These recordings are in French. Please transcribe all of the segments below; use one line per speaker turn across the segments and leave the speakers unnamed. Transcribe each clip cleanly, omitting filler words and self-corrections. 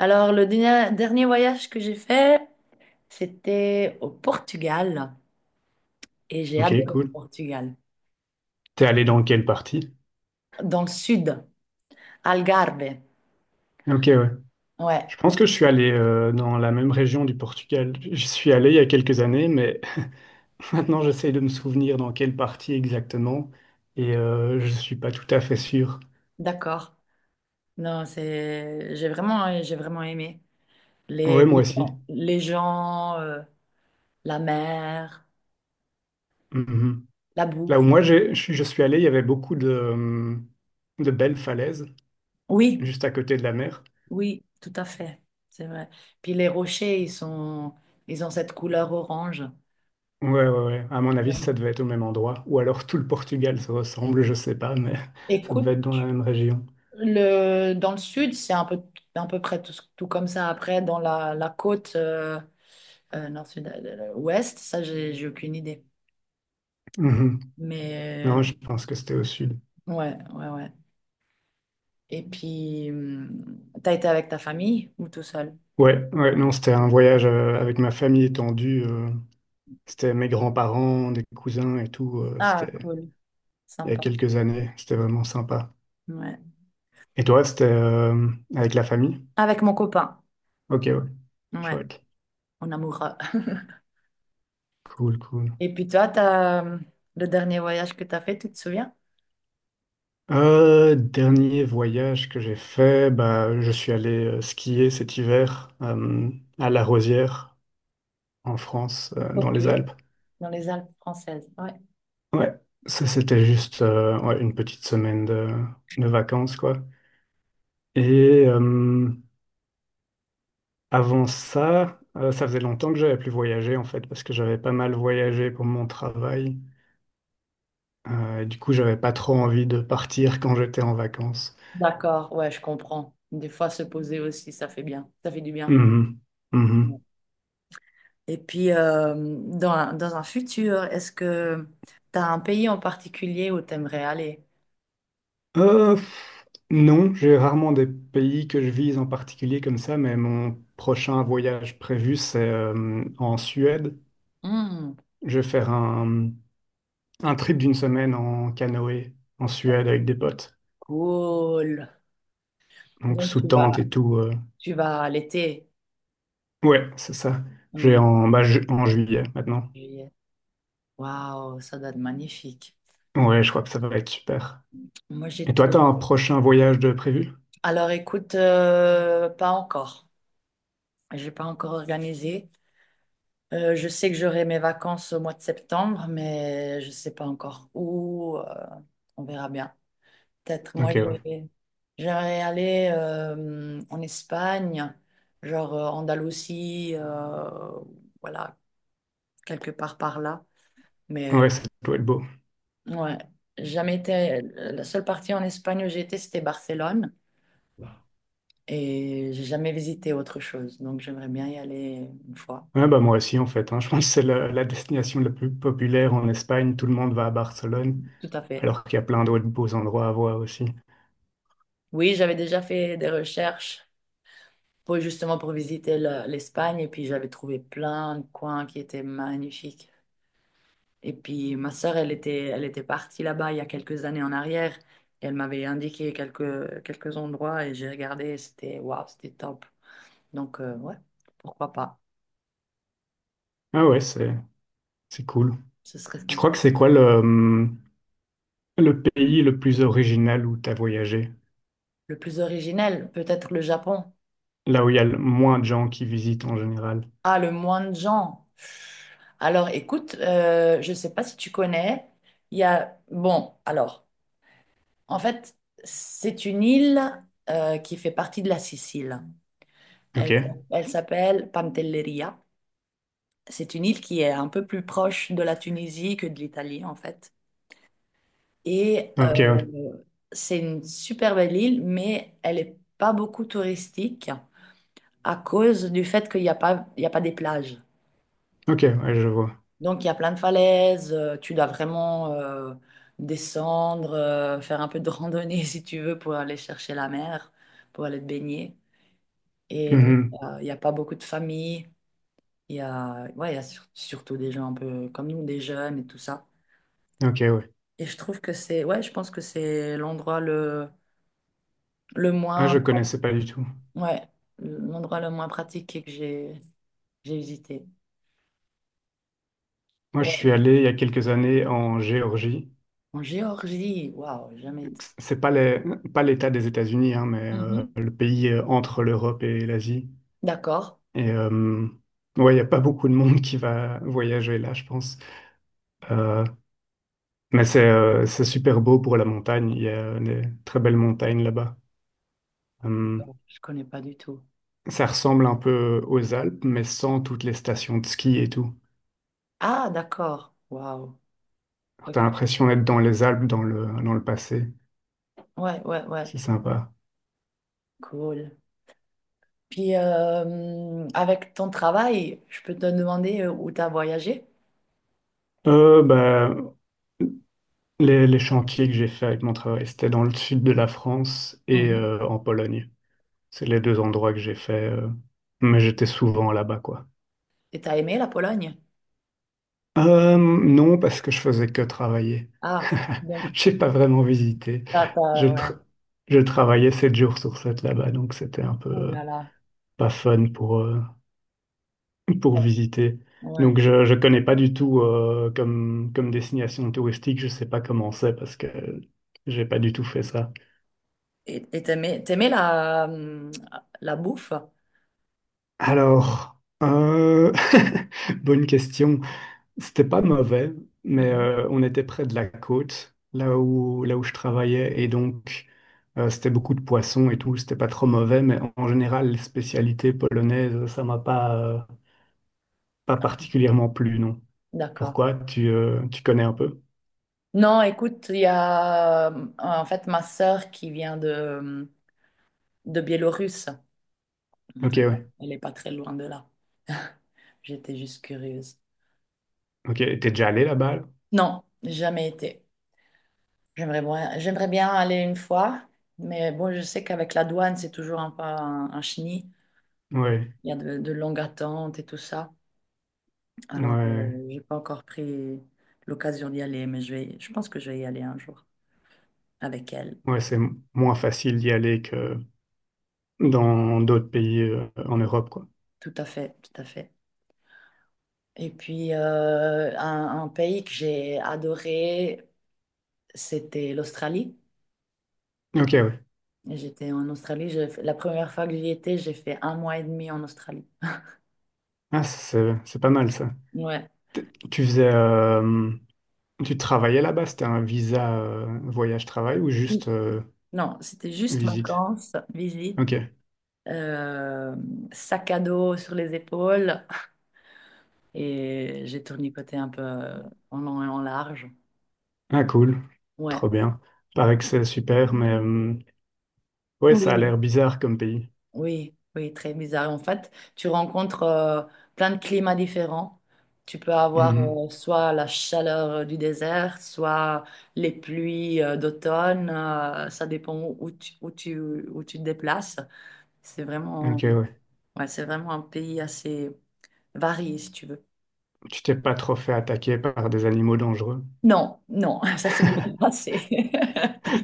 Alors, le dernier voyage que j'ai fait, c'était au Portugal et j'ai
Ok,
adoré le
cool.
Portugal.
T'es allé dans quelle partie?
Dans le sud, Algarve.
Ok, ouais.
Ouais,
Je pense que je suis allé dans la même région du Portugal. Je suis allé il y a quelques années, mais maintenant j'essaye de me souvenir dans quelle partie exactement et je suis pas tout à fait sûr.
d'accord. Non, c'est, j'ai vraiment aimé les,
Ouais, moi
les
aussi.
gens, les gens, euh, la mer,
Mhm.
la
Là où
bouffe.
moi je suis allé, il y avait beaucoup de belles falaises
Oui,
juste à côté de la mer.
oui, tout à fait. C'est vrai. Puis les rochers, ils sont, ils ont cette couleur orange.
Ouais, ouais, ouais. À mon avis, ça
Vraiment.
devait être au même endroit. Ou alors tout le Portugal se ressemble, je sais pas, mais ça devait
Écoute.
être dans la même région.
Dans le sud, c'est un peu, à peu près tout, tout comme ça. Après, dans la côte nord, sud, ouest, ça, j'ai aucune idée.
Mhm.
Mais
Non, je pense que c'était au sud.
ouais, ouais, ouais. Et puis, t'as été avec ta famille ou tout seul?
Ouais, ouais, non, c'était un voyage avec ma famille étendue. C'était mes grands-parents, des cousins et tout.
Ah,
C'était
cool,
il y a
sympa.
quelques années. C'était vraiment sympa.
Ouais.
Et toi, c'était avec la famille?
Avec mon copain.
Ok, ouais,
Ouais,
chouette.
mon amoureux.
Cool, cool.
Et puis toi, le dernier voyage que t'as fait, tu te souviens?
Dernier voyage que j'ai fait, bah, je suis allé skier cet hiver à La Rosière, en France, dans
Ok.
les Alpes.
Dans les Alpes françaises. Ouais.
Ouais, ça c'était juste ouais, une petite semaine de vacances, quoi. Et avant ça, ça faisait longtemps que j'avais plus voyagé en fait, parce que j'avais pas mal voyagé pour mon travail. Et du coup, j'avais pas trop envie de partir quand j'étais en vacances.
D'accord, ouais, je comprends. Des fois, se poser aussi, ça fait bien. Ça fait du bien.
Mhm.
Ouais.
Mhm.
Et puis, dans un futur, est-ce que tu as un pays en particulier où tu aimerais aller?
Euh, pff, non, j'ai rarement des pays que je vise en particulier comme ça, mais mon prochain voyage prévu, c'est en Suède.
Hmm,
Je vais faire un trip d'une semaine en canoë en Suède avec des potes,
cool.
donc
Donc,
sous tente et tout.
tu vas à l'été.
Ouais, c'est ça. J'ai
Hmm,
en, bah, ju- En juillet maintenant.
juillet. Waouh, ça doit être magnifique.
Ouais, je crois que ça va être super.
Moi,
Et
j'étais.
toi, t'as un prochain voyage de prévu?
Alors, écoute, pas encore. J'ai pas encore organisé. Je sais que j'aurai mes vacances au mois de septembre, mais je ne sais pas encore où. On verra bien. Peut-être. Moi,
Ok, ouais.
j'aimerais aller en Espagne, genre Andalousie, voilà, quelque part par là.
Ouais,
Mais
ça doit être beau.
ouais, j'ai jamais été. La seule partie en Espagne où j'ai été, c'était Barcelone, et j'ai jamais visité autre chose. Donc, j'aimerais bien y aller une fois.
Ouais, bah moi aussi en fait, hein. Je pense que c'est la destination la plus populaire en Espagne. Tout le monde va à Barcelone,
Tout à fait.
alors qu'il y a plein d'autres beaux endroits à voir aussi.
Oui, j'avais déjà fait des recherches pour justement pour visiter l'Espagne et puis j'avais trouvé plein de coins qui étaient magnifiques. Et puis ma sœur, elle était partie là-bas il y a quelques années en arrière et elle m'avait indiqué quelques endroits et j'ai regardé, et c'était waouh, c'était top. Donc ouais, pourquoi pas?
Ah ouais, c'est cool.
Ce serait
Tu crois
sympa.
que c'est quoi le pays le plus original où tu as voyagé,
Le plus originel, peut-être le Japon.
là où il y a le moins de gens qui visitent en général.
Ah, le moins de gens. Alors écoute, je ne sais pas si tu connais, il y a, bon, alors. En fait, c'est une île qui fait partie de la Sicile.
Ok,
Elle, elle s'appelle Pantelleria. C'est une île qui est un peu plus proche de la Tunisie que de l'Italie, en fait. Et
ok, ouais.
c'est une super belle île, mais elle n'est pas beaucoup touristique à cause du fait qu'il n'y a pas, il y a pas des plages.
Ok, ouais, je vois.
Donc, il y a plein de falaises, tu dois vraiment descendre, faire un peu de randonnée si tu veux pour aller chercher la mer, pour aller te baigner. Et donc,
Mhm.
il n'y a pas beaucoup de familles. Il y a, ouais, il y a surtout des gens un peu comme nous, des jeunes et tout ça.
Ok, ouais.
Et je trouve que c'est, ouais, je pense que c'est l'endroit le
Ah,
moins,
je connaissais pas du tout.
ouais, l'endroit le moins pratiqué que j'ai visité.
Moi, je
Ouais.
suis allé il y a quelques années en Géorgie.
En Géorgie, waouh, jamais été.
C'est pas les- Pas l'État des États-Unis, hein, mais
Mhm.
le pays entre l'Europe et l'Asie.
D'accord,
Et ouais, il n'y a pas beaucoup de monde qui va voyager là, je pense. Euh, mais c'est super beau pour la montagne. Il y a des très belles montagnes là-bas.
je connais pas du tout.
Ça ressemble un peu aux Alpes, mais sans toutes les stations de ski et tout.
Ah, d'accord, waouh,
Alors,
ok.
t'as l'impression d'être dans les Alpes, dans le passé.
Ouais, ouais, ouais,
C'est sympa.
cool. Puis, avec ton travail, je peux te demander où tu as voyagé?
Bah, les chantiers que j'ai fait avec mon travail, c'était dans le sud de la France et en Pologne. C'est les deux endroits que j'ai fait, mais j'étais souvent là-bas, quoi.
Et t'as aimé la Pologne?
Non, parce que je faisais que travailler.
Ah, donc
J'ai pas vraiment visité. Je,
ouais.
tra- je travaillais 7 jours sur 7 là-bas, donc c'était un peu
Ouh là là,
pas fun pour visiter.
ouais.
Donc je ne connais pas du tout comme, comme destination touristique, je sais pas comment c'est parce que j'ai pas du tout fait ça.
Et t'aimais la bouffe?
Alors, bonne question. C'était pas mauvais, mais
Mhm.
on était près de la côte, là où je travaillais, et donc c'était beaucoup de poissons et tout, c'était pas trop mauvais, mais en général, les spécialités polonaises, ça m'a pas, pas particulièrement plu, non.
D'accord.
Pourquoi? Tu connais un peu?
Non, écoute, il y a en fait ma sœur qui vient de Biélorusse.
Ok, ouais.
Elle n'est pas très loin de là. J'étais juste curieuse.
Ok, t'es déjà allé là-bas?
Non, jamais été. J'aimerais bien aller une fois, mais bon, je sais qu'avec la douane, c'est toujours un peu un chenil.
Ouais,
Il y a de longues attentes et tout ça. Alors,
ouais,
j'ai pas encore pris l'occasion d'y aller, mais je pense que je vais y aller un jour avec elle.
ouais, moins facile d'y aller que dans d'autres pays en Europe, quoi.
Tout à fait, tout à fait. Et puis, un pays que j'ai adoré, c'était l'Australie.
Ok, ouais.
J'étais en Australie, la première fois que j'y étais, j'ai fait un mois et demi en Australie.
Ah, c'est pas mal ça.
Ouais.
Tu faisais, tu travaillais là-bas? C'était un visa voyage-travail ou juste
Non, c'était juste
visite?
vacances, visite,
Ok.
euh, sac à dos sur les épaules et j'ai tournicoté un peu en long et en large.
Ah, cool.
Ouais.
Trop bien. Paraît que c'est super, mais ouais, ça a
Oui.
l'air bizarre comme pays.
Oui, oui, très bizarre. En fait, tu rencontres plein de climats différents. Tu peux avoir
Mhm.
soit la chaleur du désert, soit les pluies d'automne. Ça dépend où tu te déplaces. C'est vraiment,
Ok, ouais.
ouais, c'est vraiment un pays assez varié, si tu veux.
Tu t'es pas trop fait attaquer par des animaux dangereux?
Non, non, ça c'est le passé.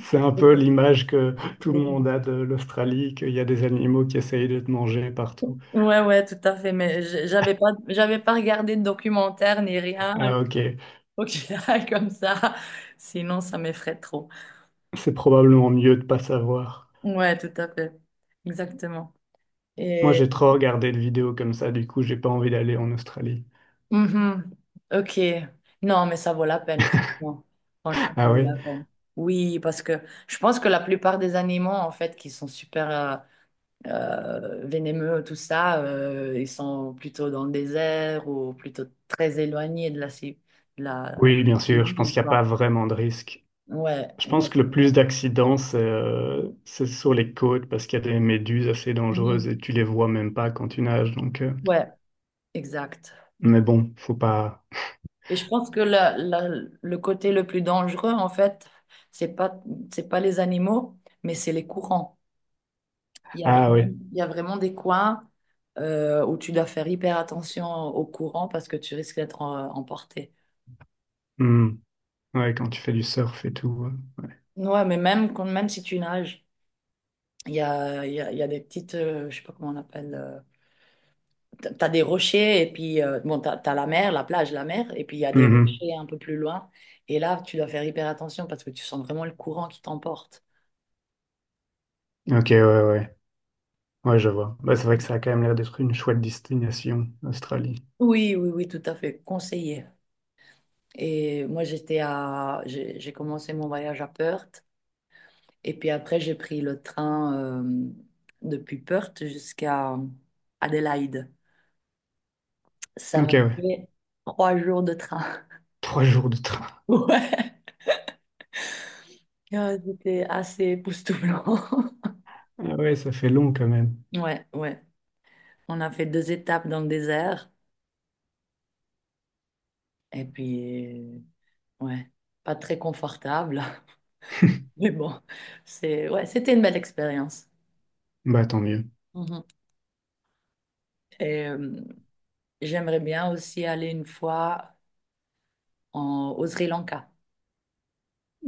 C'est un peu l'image que tout le monde a de l'Australie, qu'il y a des animaux qui essayent de te manger partout.
Ouais, ouais, tout à fait. Mais j'avais pas regardé de documentaire ni rien.
Ah ok,
Ok, comme ça. Sinon, ça m'effraie trop.
c'est probablement mieux de pas savoir.
Ouais, tout à fait. Exactement.
Moi
Et.
j'ai trop regardé de vidéos comme ça, du coup j'ai pas envie d'aller en Australie.
Mhm. Ok. Non, mais ça vaut la peine, franchement. Franchement, ça
Ah
vaut
oui?
la peine. Oui, parce que je pense que la plupart des animaux, en fait, qui sont super vénémeux, tout ça, ils sont plutôt dans le désert ou plutôt très éloignés de la, ci- de la...
Oui, bien
des
sûr, je pense
villes,
qu'il n'y a pas
quoi.
vraiment de risque.
Ouais,
Je pense que le plus
exactement.
d'accidents, c'est sur les côtes parce qu'il y a des méduses assez dangereuses
Mhm.
et tu les vois même pas quand tu nages. Donc,
Ouais, exact.
mais bon, faut pas.
Et je pense que le côté le plus dangereux, en fait, c'est pas, c'est pas les animaux, mais c'est les courants. Il y a
Ah
vraiment,
oui.
il y a vraiment des coins où tu dois faire hyper attention aux courants parce que tu risques d'être emporté.
Hmm. Ouais, quand tu fais du surf et tout, ouais.
Ouais, mais même, quand, même si tu nages, il y a, il y a, il y a des petites, je sais pas comment on appelle, t'as des rochers et puis, bon, t'as la mer, la plage, la mer, et puis il y a des
Mhm.
rochers un peu plus loin. Et là, tu dois faire hyper attention parce que tu sens vraiment le courant qui t'emporte.
Ok, ouais, ouais. Ouais, je vois. Bah, c'est vrai que ça a quand même l'air d'être une chouette destination, l'Australie.
Oui, oui, oui, tout à fait, conseiller. Et moi, j'ai commencé mon voyage à Perth, et puis après, j'ai pris le train depuis Perth jusqu'à Adélaïde. Ça m'a
Ok, ouais.
fait 3 jours de train.
Trois jours de train.
Ouais. Ah, c'était assez époustouflant.
Ah ouais, ça fait long quand même.
Ouais, ouais. On a fait deux étapes dans le désert, et puis, ouais, pas très confortable, mais bon, c'est, ouais, c'était une belle expérience.
Bah, tant mieux.
Mhm. Et j'aimerais bien aussi aller une fois au Sri Lanka.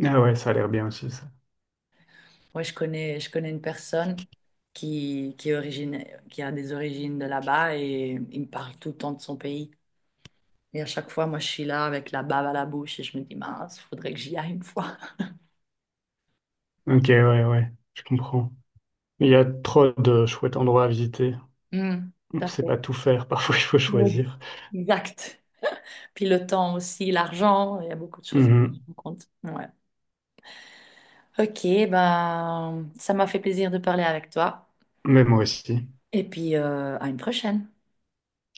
Ah ouais, ça a l'air bien aussi, ça.
Moi, je connais une personne qui a des origines de là-bas et il me parle tout le temps de son pays. Et à chaque fois, moi, je suis là avec la bave à la bouche et je me dis, mince, faudrait que j'y aille une fois.
Ok, ouais, ouais, je comprends. Il y a trop de chouettes endroits à visiter.
Hmm.
On
Tout
ne
à
sait pas
fait.
tout faire, parfois il faut
Oui.
choisir.
Exact. Puis le temps aussi, l'argent, il y a beaucoup de choses à prendre
Mhm.
en compte. Ouais. Ok, ben, ça m'a fait plaisir de parler avec toi.
Mais moi aussi.
Et puis, à une prochaine.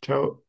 Ciao.